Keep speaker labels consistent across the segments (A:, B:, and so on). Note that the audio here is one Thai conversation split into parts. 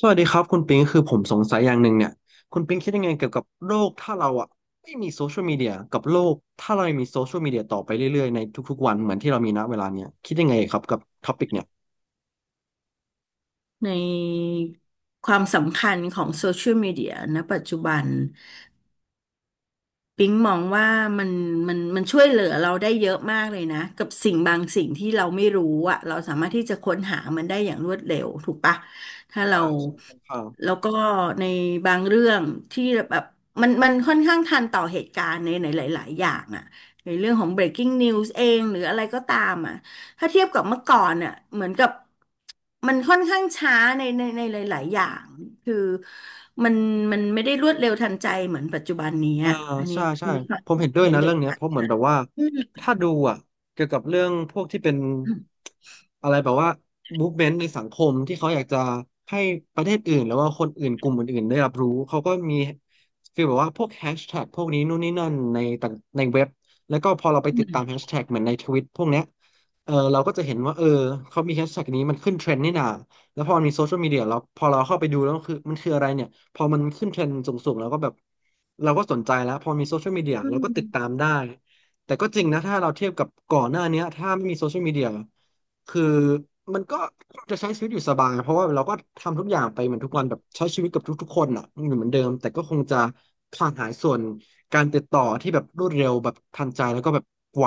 A: สวัสดีครับคุณปิงคือผมสงสัยอย่างหนึ่งเนี่ยคุณปิงคิดยังไงเกี่ยวกับโลกถ้าเราอ่ะไม่มีโซเชียลมีเดียกับโลกถ้าเรายังมีโซเชียลมีเดียต่อไปเรื่อยๆในทุกๆวันเหมือนที่เรามีณเวลาเนี้ยคิดยังไงครับกับท็อปิกเนี่ย
B: ในความสำคัญของโซเชียลมีเดียณปัจจุบัน ปิ๊งมองว่ามันมันช่วยเหลือเราได้เยอะมากเลยนะกับสิ่งบางสิ่งที่เราไม่รู้อ่ะเราสามารถที่จะค้นหามันได้อย่างรวดเร็วถูกปะถ้าเรา
A: อ่าใช่ค่อนข้าง
B: แล้วก็ในบางเรื่องที่แบบมันค่อนข้างทันต่อเหตุการณ์ในหลายๆอย่างอ่ะในเรื่องของ breaking news เองหรืออะไรก็ตามอ่ะถ้าเทียบกับเมื่อก่อนอ่ะเหมือนกับมันค่อนข้างช้าในหลายๆอย่าง คือมันมันไม่ได้รวดเร็วทันใจเหมือนปัจจุบันนี้
A: อ่า
B: อะอันนี้
A: ใช่
B: อั
A: ใช่
B: นนี้ความ
A: ผมเห็นด้วย
B: เห็น
A: นะ
B: เด็
A: เรื่
B: ด
A: องเนี้ย
B: ขา
A: เพ
B: ด
A: ราะเหมือน
B: นะ
A: แบบว่า
B: อืม
A: ถ้าดูอ่ะเกี่ยวกับเรื่องพวกที่เป็นอะไรแบบว่า m o v e m e ต t ในสังคมที่เขาอยากจะให้ประเทศอื่นหรือว่าคนอื่นกลุ่มอื่นๆได้รับรู้เขาก็มีฟีลแบบว่าพวกแฮชแท็กพวกนี้นู่นนี่นั่นในต่างในเว็บแล้วก็พอเราไปติดตามแฮชแท็กเหมือนในทวิตพวกเนี้ยเออเราก็จะเห็นว่าเออเขามีแฮชแท็กนี้มันขึ้นเทรนด์นี่นา แล้วพอมันมีโซเชียลมีเดียแล้วพอเราเข้าไปดูแล้วคือมันคืออะไรเนี่ยพอมันขึ้นเทรนด์สูงๆแล้วก็แบบเราก็สนใจแล้วพอมีโซเชียลมีเดียเราก็ติดตามได้แต่ก็จริงนะถ้าเราเทียบกับก่อนหน้าเนี้ยถ้าไม่มีโซเชียลมีเดียคือมันก็จะใช้ชีวิตอยู่สบายเพราะว่าเราก็ทำทุกอย่างไปเหมือนทุกวันแบบใช้ชีวิตกับทุกๆคนอ่ะอยู่เหมือนเดิมแต่ก็คงจะขาดหายส่วนการติดต่อที่แบบรวดเร็วแบบทันใจแล้วก็แบบไว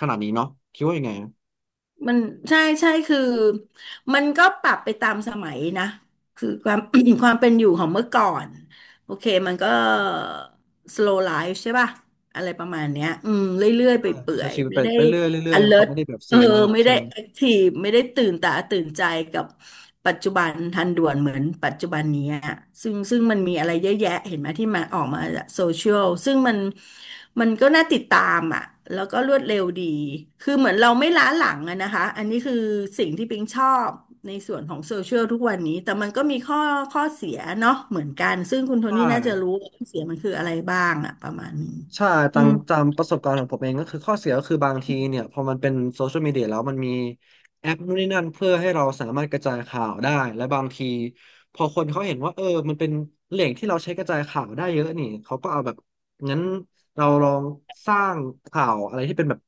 A: ขนาดนี้เนาะคิดว่ายังไงอะ
B: มันใช่ใช่คือมันก็ปรับไปตามสมัยนะคือความ ความเป็นอยู่ของเมื่อก่อนโอเคมันก็ slow life ใช่ป่ะอะไรประมาณเนี้ยอืมเรื่อยๆไป
A: ก็
B: เปื่อ
A: ใช้
B: ย
A: ชีวิ
B: ๆ
A: ต
B: ไม่
A: ไป
B: ได้
A: ไปเรื่อยๆเรื่อยๆมันเขา
B: alert
A: ไม่ได้แบบ
B: เอ
A: ซี
B: อ
A: มาก
B: ไม่
A: ใช่
B: ได้แอคทีฟไม่ได้ตื่นตาตื่นใจกับปัจจุบันทันด่วนเหมือนปัจจุบันนี้อะซึ่งมันมีอะไรเยอะแยะเห็นไหมที่มาออกมาจากโซเชียลซึ่งมันมันก็น่าติดตามอ่ะแล้วก็รวดเร็วดีคือเหมือนเราไม่ล้าหลังอะนะคะอันนี้คือสิ่งที่ปิงชอบในส่วนของโซเชียลทุกวันนี้แต่มันก็มีข้อเสียเนาะเหมือนกันซึ่งคุณโท
A: ใช่
B: นี่น่าจะรู้ว่าข้อเสียมันคืออะไรบ้างอะประมาณนี้
A: ใช่
B: อื
A: ตาม
B: ม
A: ตามประสบการณ์ของผมเองก็คือข้อเสียก็คือบางทีเนี่ยพอมันเป็นโซเชียลมีเดียแล้วมันมีแอปนู่นนี่นั่นเพื่อให้เราสามารถกระจายข่าวได้และบางทีพอคนเขาเห็นว่าเออมันเป็นแหล่งที่เราใช้กระจายข่าวได้เยอะนี่เขาก็เอาแบบงั้นเราลองสร้างข่าวอะไรที่เป็นแบบ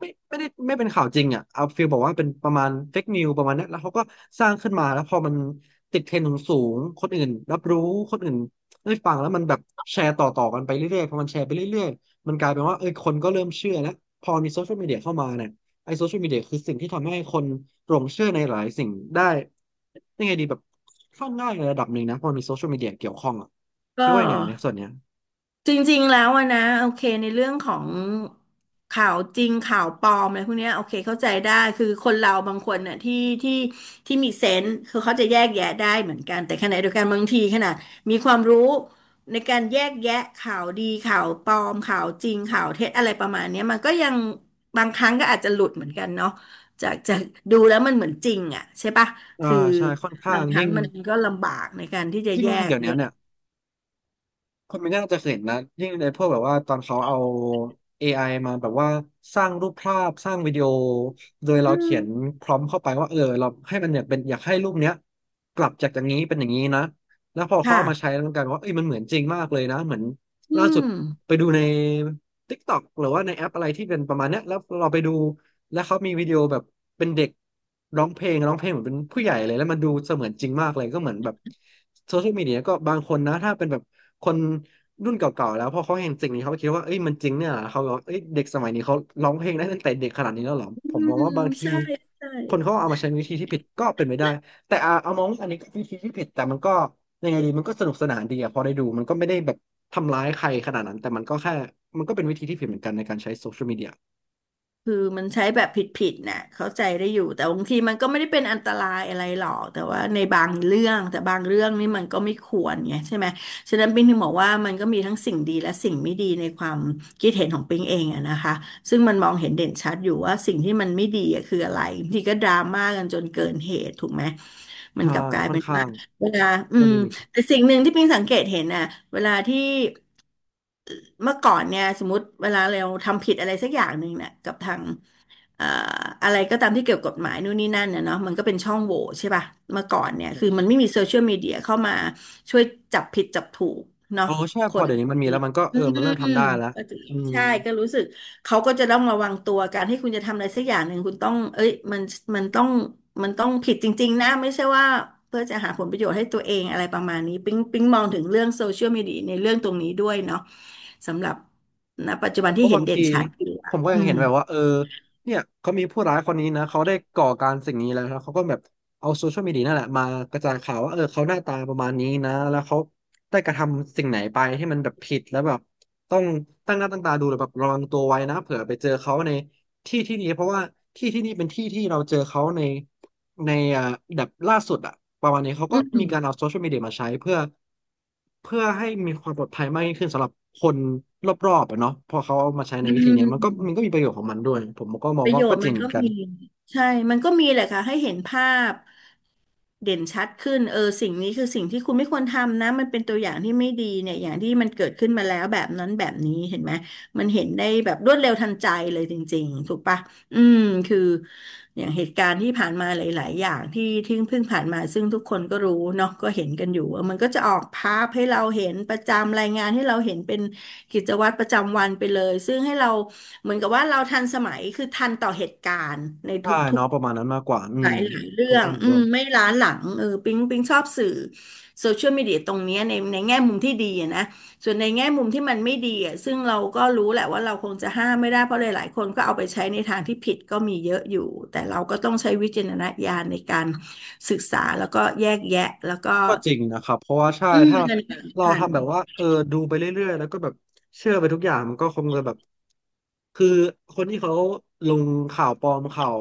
A: ไม่ได้ไม่เป็นข่าวจริงอ่ะเอาฟีลบอกว่าเป็นประมาณเฟกนิวประมาณนั้นแล้วเขาก็สร้างขึ้นมาแล้วพอมันติดเทรนด์สูงๆคนอื่นรับรู้คนอื่น เอ้ยฟังแล้วมันแบบแชร์ต่อกันไปเรื่อยๆพอมันแชร์ไปเรื่อยๆมันกลายเป็นว่าเอ้ยคนก็เริ่มเชื่อแล้วพอมีโซเชียลมีเดียเข้ามาเนี่ยไอ้โซเชียลมีเดียคือสิ่งที่ทำให้คนหลงเชื่อในหลายสิ่งได้ยังไงดีแบบค่อนข้างง่ายในระดับหนึ่งนะพอมีโซเชียลมีเดียเกี่ยวข้องอ่ะ
B: ก็
A: คิดว่ายังไงในส่วนเนี้ย
B: จริงๆแล้วอะนะโอเคในเรื่องของข่าวจริงข่าวปลอมอะไรพวกเนี้ยโอเคเข้าใจได้คือคนเราบางคนน่ะที่ที่มีเซนส์คือเขาจะแยกแยะได้เหมือนกันแต่ขณะเดียวกันบางทีขนาดมีความรู้ในการแยกแยะข่าวดีข่าวปลอมข่าวจริงข่าวเท็จอะไรประมาณเนี้ยมันก็ยังบางครั้งก็อาจจะหลุดเหมือนกันเนาะจากดูแล้วมันเหมือนจริงอ่ะใช่ปะ
A: อ่า
B: คือ
A: ใช่ค่อนข้า
B: บา
A: ง
B: งครั้
A: ยิ่
B: ง
A: ง
B: มันก็ลำบากในการที่จะ
A: ยิ่ง
B: แยก
A: เดี๋ยวนี้
B: แยะ
A: เนี่ย คุณไม่น่าจะเคยเห็นนะยิ่งในพวกแบบว่าตอนเขาเอา AI มาแบบว่าสร้างรูปภาพสร้างวิดีโอโดยเรา
B: อื
A: เขี
B: ม
A: ยนพร้อมเข้าไปว่าเออเราให้มันเนี่ยเป็นอยากให้รูปเนี้ยกลับจากอย่างนี้เป็นอย่างนี้นะแล้วพอเขาเอามาใช้
B: ค่ะ
A: แล้วมันกลายเป็นว่าเอ้ยมันเหมือนจริงมากเลยนะเหมือน
B: อื
A: ล่าสุด
B: ม
A: ไปดูใน TikTok หรือว่าในแอปอะไรที่เป็นประมาณเนี้ยแล้วเราไปดู แล้วเขามีวิดีโอแบบเป็นเด็กร้องเพลงร้องเพลงเหมือนเป็นผู้ใหญ่เลยแล้วมันดูเสมือนจริงมากเลยก็เหมือนแบบโซเชียลมีเดียก็บางคนนะถ้าเป็นแบบคนรุ่นเก่าๆแล้วพอเขาเห็นสิ่งนี้เขาก็คิดว่าเอ้ยมันจริงเนี่ยเหรอเขาบอกว่าเอ้ยเด็กสมัยนี้เขาร้องเพลงได้ตั้งแต่เด็กขนาดนี้แล้วเหรอ
B: อื
A: ผมมอง
B: ม
A: ว่าบางที
B: ใช่ใช่
A: คนเขาเอามาใช้วิธีที่ผิดก็เป็นไปได้แต่อ่ะเอามองว่าอันนี้ก็วิธีที่ผิดแต่มันก็ยังไงดีมันก็สนุกสนานดีอะพอได้ดูมันก็ไม่ได้แบบทำร้ายใครขนาดนั้นแต่มันก็แค่มันก็เป็นวิธีที่ผิดเหมือนกันในการใช้โซเชียลมีเดีย
B: คือมันใช้แบบผิดๆน่ะเข้าใจได้อยู่แต่บางทีมันก็ไม่ได้เป็นอันตรายอะไรหรอกแต่ว่าในบางเรื่องแต่บางเรื่องนี่มันก็ไม่ควรไงใช่ไหมฉะนั้นปิงถึงบอกว่ามันก็มีทั้งสิ่งดีและสิ่งไม่ดีในความคิดเห็นของปิงเองอะนะคะซึ่งมันมองเห็นเด่นชัดอยู่ว่าสิ่งที่มันไม่ดีอะคืออะไรบางทีก็ดราม่ากันจนเกินเหตุถูกไหมมัน
A: ใช่
B: กลับกลาย
A: ค่อน
B: เป็น
A: ข้า
B: ว่า
A: ง
B: เวลาอื
A: ก็
B: ม
A: นิมิต
B: แต่สิ่งหนึ่งที่ปิงสังเกตเห็นน่ะเวลาที่ เมื่อก่อนเนี่ยสมมติเวลาเราทำผิดอะไรสักอย่างหนึ่งเนี่ยกับทางเอ่ออะไรก็ตามที่เกี่ยวกับกฎหมายนู่นนี่นั่นเนี่ยเนาะมันก็เป็นช่องโหว่ใช่ป่ะเมื่อก่อน
A: ใช่
B: เนี่ย
A: ใช่
B: คือมั
A: ใช่
B: นไม่มีโซเชียลมีเดียเข้ามาช่วยจับผิดจับถูกเนาะ
A: โอ้ใช่
B: ค
A: พอ
B: น
A: เดี๋ยว
B: พ
A: นี้
B: วก
A: มันมี
B: นี้
A: แล้วมันก็
B: อื
A: เออมันเริ่ม
B: ม
A: ทำได้แล้ว
B: ก็จะ
A: อืม
B: ใช่ก็รู้สึกเขาก็จะต้องระวังตัวการที่คุณจะทำอะไรสักอย่างหนึ่งคุณต้องเอ้ยมันมันต้องมันต้องผิดจริงๆนะไม่ใช่ว่าเพื่อจะหาผลประโยชน์ให้ตัวเองอะไรประมาณนี้ปิ๊งมองถึงเรื่องโซเชียลมีเดียในเรื่องตรงนี้ด้วยเนาะ สำหรับณปัจจุบัน
A: เพ
B: ที่
A: ราะ
B: เห็น
A: บาง
B: เด่
A: ที
B: นชัดอยู่
A: ผ
B: อ่ะ
A: มก็ยังเห็นแบบว่าเนี่ยเขามีผู้ร้ายคนนี้นะเขาได้ก่อการสิ่งนี้แล้วแล้วเขาก็แบบเอาโซเชียลมีเดียนั่นแหละมากระจายข่าวว่าเขาหน้าตาประมาณนี้นะแล้วเขาได้กระทำสิ่งไหนไปที่มันแบบผิดแล้วแบบต้องตั้งหน้าตั้งตาดูหรือแบบระวังตัวไว้นะเผื่อไปเจอเขาในที่ที่นี้เพราะว่าที่ที่นี่เป็นที่ที่เราเจอเขาใน ในอ่าแบบล่าสุดอะประมาณนี้เขา
B: อื
A: ก็มี
B: ม
A: การเอาโซเชียลมีเดียมาใช้เพื่อให้มีความปลอดภัยมากยิ่งขึ้นสำหรับคนรอบๆอะเนาะพอเขาเอามาใช้ใน
B: อื
A: วิธีเนี้ยมันก็
B: ม
A: มีประโยชน์ของมันด้วยผมก็มอ
B: ป
A: ง
B: ระ
A: ว่า
B: โย
A: ก็
B: ชน์
A: จ
B: มั
A: ริ
B: น
A: งเห
B: ก็
A: มือนกัน
B: มีใช่ มันก็มีแหละค่ะให้เห็นภาพเด่นชัดขึ้นเออสิ่งนี้คือสิ่งที่คุณไม่ควรทำนะมันเป็นตัวอย่างที่ไม่ดีเนี่ยอย่างที่มันเกิดขึ้นมาแล้วแบบนั้นแบบนี้เห็นไหมมันเห็นได้แบบรวดเร็วทันใจเลยจริงๆถูกปะ อืมคืออย่างเหตุการณ์ที่ผ่านมาหลายๆอย่างที่เพิ่งผ่านมาซึ่งทุกคนก็รู้เนาะก็เห็นกันอยู่ว่ามันก็จะออกภาพให้เราเห็นประจำรายงานให้เราเห็นเป็นกิจวัตรประจำวันไปเลยซึ่งให้เราเหมือนกับว่าเราทันสมัยคือทันต่อเหตุการณ์ในท
A: ใช่
B: ุก
A: เนาะประมา
B: ๆ
A: ณนั้นมากกว่าอื
B: ห
A: ม
B: ลายหลายเรื่
A: ผม
B: อง
A: ก็เห็น
B: อื
A: ด้ว
B: ม
A: ย
B: ไม่ล้าหลังเออปิ๊งชอบสื่อโซเชียลมีเดียตรงเนี้ยในแง่มุมที่ดีอะนะ ส่วนในแง่มุมที่มันไม่ดีอ่ะซึ่งเราก็รู้แหละว่าเราคงจะห้ามไม่ได้เพราะหลายๆคนก็เอาไปใช้ในทางที่ผิดก็มีเยอะอยู่ แต่เราก็ต้องใช้วิจารณญาณในการศึกษาแล้วก็แยกแยะแล้วก็
A: ก็จริงนะครับเพราะว่าใช่
B: อืม
A: ถ้า
B: เงิน
A: เรา
B: ผ่าน
A: ทำแบบว่าดูไปเรื่อยๆแล้วก็แบบเชื่อไปทุกอย่างมันก็คงจะแบบคือคนที่เขาลงข่าวปลอมข่าว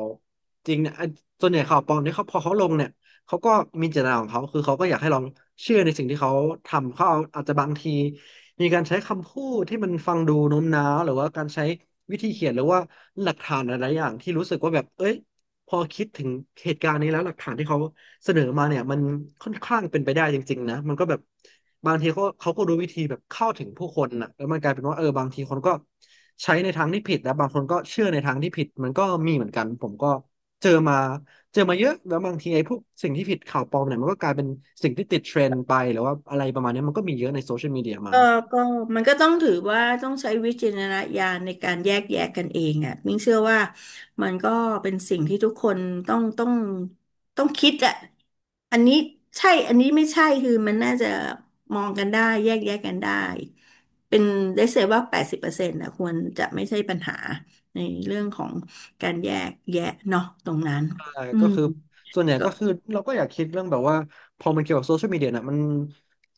A: จริงเนี่ยไอ้ส่วนใหญ่ข่าวปลอมเนี่ยเขาพอเขาลงเนี่ยเขาก็มีเจตนาของเขาคือเขาก็อยากให้ลองเชื่อในสิ่งที่เขาทำเขาเอาอาจจะบางทีมีการใช้คำพูดที่มันฟังดูโน้มน้าวหรือว่าการใช้วิธีเขียนหรือว่าหลักฐานหลายๆอย่างที่รู้สึกว่าแบบเอ้ยพอคิดถึงเหตุการณ์นี้แล้วหลักฐานที่เขา เสนอมาเนี่ยมันค่อนข้างเป็นไปได้จริงๆนะมันก็แบบบางทีเขาก็รู้วิธีแบบเข้าถึงผู้คนนะแล้วมันกลายเป็นว่าบางทีคนก็ใช้ในทางที่ผิดแล้วบางคนก็เชื่อในทางที่ผิดมันก็มีเหมือนกันผมก็เจอมาเยอะแล้วบางทีไอ้พวกสิ่งที่ผิดข่าวปลอมเนี่ยมันก็กลายเป็นสิ่งที่ติดเทรนด์ไปหรือว่าอะไรประมาณเนี้ยมันก็มีเยอะในโซเชียลมีเดียมา
B: เออก็มันก็ต้องถือว่าต้องใช้วิจารณญาณในการแยกแยะกกันเองอ่ะมิ้งเชื่อว่ามันก็เป็นสิ่งที่ทุกคนต้องต้องต้องคิดอ่ะอันนี้ใช่อันนี้ไม่ใช่คือมันน่าจะมองกันได้แยกแยะกันได้เป็นได้เสียว่า80%นะควรจะไม่ใช่ปัญหาในเรื่องของการแยกแยะเนาะตรงนั้น
A: ใช่
B: อื
A: ก็
B: ม
A: คือส่วนใหญ่
B: ก็
A: ก็คือเราก็อยากคิดเรื่องแบบว่าพอมันเกี่ยวกับโซเชียลมีเดียน่ะมัน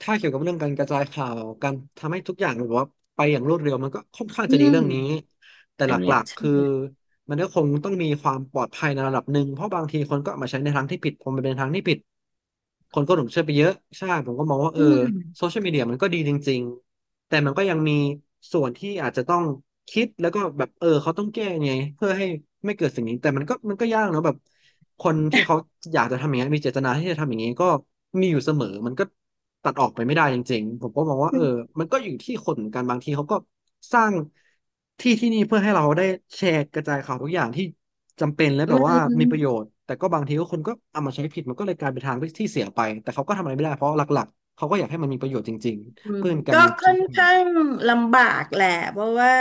A: ถ้าเกี่ยวกับเรื่องการกระจายข่าวการทำให้ทุกอย่างแบบว่าไปอย่างรวดเร็วมันก็ค่อนข้าง
B: อื
A: จะดีเรื่องนี้
B: ม
A: แต่
B: อั
A: หล
B: นเนี้ย
A: ักๆคือ
B: ใช่
A: มันก็คงต้องมีความปลอดภัยในระดับหนึ่งเพราะบางทีคนก็เอามาใช้ในทางที่ผิดพอมันเป็นทางที่ผิด คนก็หลงเชื่อไปเยอะใช่ผมก็มองว่า
B: อืม
A: โซเชียลมีเดียมันก็ดีจริงๆแต่มันก็ยังมีส่วนที่อาจจะต้องคิดแล้วก็แบบเขาต้องแก้ไงเพื่อให้ไม่เกิดสิ่งนี้แต่มันก็ยากเนอะแบบคนที่เขาอยากจะทำอย่างนี้นมีเจตนาที่จะทำอย่างนี้ก็มีอยู่เสมอมันก็ตัดออกไปไม่ได้จริงๆผมก็มองว่ามันก็อยู่ที่คนเหมือนกันบางทีเขาก็ สร้างที่ที่นี่เพื่อให้เราได้แชร์กระจายข่าวทุกอย่างที่จำเป็นและแบ
B: มั
A: บ
B: น
A: ว่ามีประโยชน์แต่ก็บางทีก็คนก็เอามาใช้ผิดมันก็เลยกลายเป็นทางที่เสียไปแต่เขาก็ทำอะไรไม่ได้เพราะหลักๆเขาก็อยากให้มันมีประโยชน์จริง
B: อื
A: ๆ
B: ม
A: เพื่อเป็นการ
B: ก็
A: มีโซ
B: ค่อน
A: เชียลมีเดี
B: ข้า
A: ย
B: งลำบากแหละเพราะว่า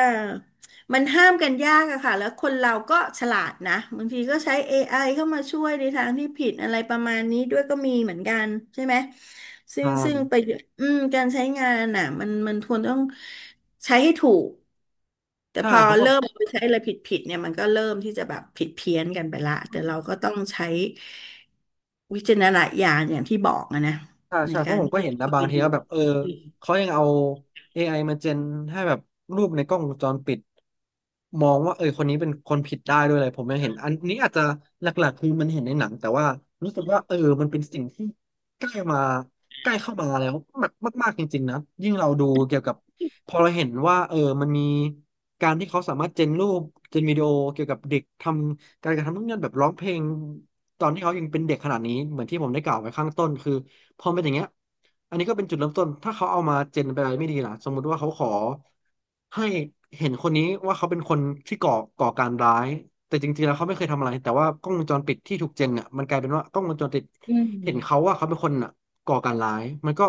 B: มันห้ามกันยากอะค่ะแล้วคนเราก็ฉลาดนะบางทีก็ใช้ AI เข้ามาช่วยในทางที่ผิดอะไรประมาณนี้ด้วยก็มีเหมือนกันใช่ไหมซึ่
A: ใช่
B: งซึ่งไปอืมการใช้งานน่ะมันควรต้องใช้ให้ถูกแต่
A: ใช่
B: พอ
A: เพราะแบ
B: เริ่
A: บ
B: มเอาไปใช้อะไรผิดเนี่ยมันก็เริ่มที่จะแบบผิดเพี้ยนกันไปละแต่เราก็ต้องใช้วิจารณญาณอย่างที่บอกอะนะ
A: ใช่
B: ใน
A: ใช่เพ
B: กา
A: ราะ
B: ร
A: ผมก็
B: ที่
A: เห็นนะ
B: เข้า
A: บา
B: ไป
A: งที
B: ดู
A: ก็แบบเขายังเอา ไอมาเจนให้แบบรูปในกล้องวงจรปิดมองว่าคนนี้เป็นคนผิดได้ด้วยเลยผมยังเห็นอันนี้อาจจะหลักๆคือมันเห็นในหนังแต่ว่ารู้สึกว่ามันเป็นสิ่งที่ใกล้มาใกล้เข้ามาแล้วมากมากๆจริงๆนะยิ่งเราดูเกี่ยวกับพอเราเห็นว่ามันมีการที่เขาสามารถเจนรูปเจนวิดีโอเกี่ยวกับเด็กทำการกระทำนู่นนั่นแบบร้องเพลงตอนที่เขายังเป็นเด็กขนาดนี้เหมือนที่ผมได้กล่าวไว้ข้างต้นคือ พอเป็นอย่างเงี้ยอันนี้ก็เป็นจุดเริ่มต้นถ้าเขาเอามาเจนเป็นอะไรไม่ดีล่ะสมมุติว่าเขาขอให้เห็นคนนี้ว่าเขาเป็นคนที่ก่อการร้ายแต่จริงๆแล้วเขาไม่เคยทำอะไรแต่ว่ากล้องวงจรปิดที่ถูกเจนเนี่ยมันกลายเป็นว่ากล้องวงจรปิด
B: อื
A: เห็นเขา
B: ม
A: ว่าเขาเป็นคนน่ะก่อการร้ายมันก็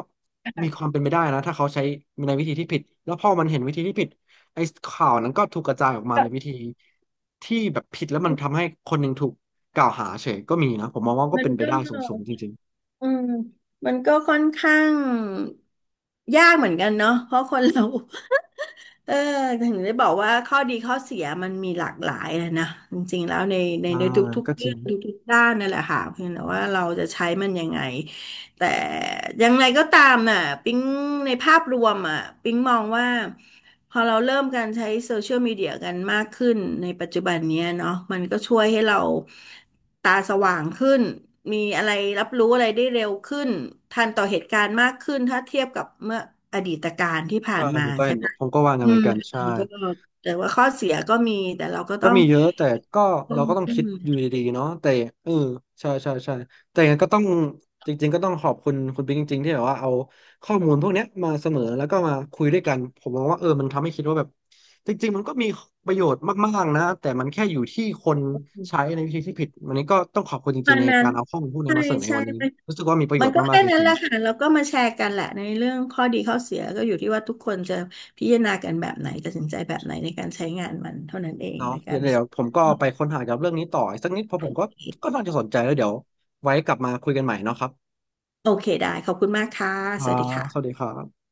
B: อ่ะ
A: มีความเป็นไปได้นะถ้าเขาใช้ในวิธีที่ผิดแล้วพอมันเห็นวิธีที่ผิดไอ้ข่าวนั้นก็ถูกกระจายออกมา
B: ก็
A: ในวิธีที่แบบผิดแล้วมันทำให้คนหนึ่งถูกกล่าวหาเฉยก็มีนะผมมองว่าก็
B: มัน
A: เป็นไป
B: ก็
A: ได้สูงๆจริงๆ
B: อืมมันก็ค่อนข้างยากเหมือนกันเนาะเพราะคนเรา เออถึงได้บอกว่าข้อดีข้อเสียมันมีหลากหลายนะนะจริงๆแล้วในใน
A: อ่า
B: ในทุก
A: ก็
B: ๆ
A: จ
B: เรื่
A: ริ
B: อง
A: ง
B: ทุกๆด้านนั่นแหละค่ะเพียงแต่ว่าเราจะใช้มันยังไงแต่ยังไงก็ตามน่ะปิ๊งในภาพรวมอ่ะปิ๊งมองว่า พอเราเริ่มการใช้โซเชียลมีเดียกันมากขึ้นในปัจจุบันเนี้ยเนาะมันก็ช่วยให้เราตาสว่างขึ้นมีอะไรรับรู้อะไรได้เร็วขึ้นทันต่อเหตุการณ์มากขึ้นถ้าเทียบกับเมื่ออดีตการที่ผ่า
A: ใช่
B: น
A: ผ
B: มา
A: มก็
B: ใช่
A: เห็น
B: ไหม
A: ผมก็วางกั
B: อื
A: นเหมือ
B: ม
A: นกันใช่
B: มันก็แต่ว่าข้อเสียก็มีแต่เราก็
A: ก็
B: ต้อง
A: มีเยอะแต่ก็
B: ต้
A: เรา
B: อง
A: ก็ต้อง
B: อื
A: คิด
B: ม
A: อยู่ดีๆเนาะแต่เออใช่ใช่ใช่แต่ยังไงก็ต้องจริงๆก็ต้องขอบคุณคุณปิ๊งจริงๆที่แบบว่าเอาข้อมูลพวกเนี้ยมาเสนอแล้วก็มาคุยด้วยกันผมมองว่ามันทำให้คิดว่าแบบจริงๆมันก็มีประโยชน์มากๆนะแต่มันแค่อยู่ที่คนใช้ในวิธีที่ผิดวันนี้ก็ต้องขอบคุณจ
B: ต
A: ริ
B: อ
A: งๆ
B: น
A: ใน
B: นั้
A: กา
B: น
A: รเอาข้อมูลพวกนี้
B: ใช่
A: มาเสนอใน
B: ใช่
A: วันนี้รู้สึกว่ามีประโย
B: มัน
A: ชน์
B: ก็
A: มา
B: แค่
A: กๆจ
B: นั้นแห
A: ริง
B: ละค่ะแล้วก็มาแชร์กันแหละในเรื่องข้อดีข้อเสียก็อยู่ที่ว่าทุกคนจะพิจารณากันแบบไหนตัดสินใจแบบไหนในการใช้งานมันเท่านั้นเอง
A: เนาะ
B: ใน
A: เดี๋
B: กา
A: ยว
B: ร
A: เดี๋ยวผมก็ไปค้นหาเกี่ยวกับเรื่องนี้ต่ออีกสักนิดเพราะผมก็ก็น่าจะสนใจแล้วเดี๋ยวไว้กลับมาคุยกันใหม่เนาะครับ
B: โอเคได้ขอบคุณมากค่ะ
A: ค
B: ส
A: รั
B: วัสดี
A: บสวัสดี
B: ค่ะ
A: ครับ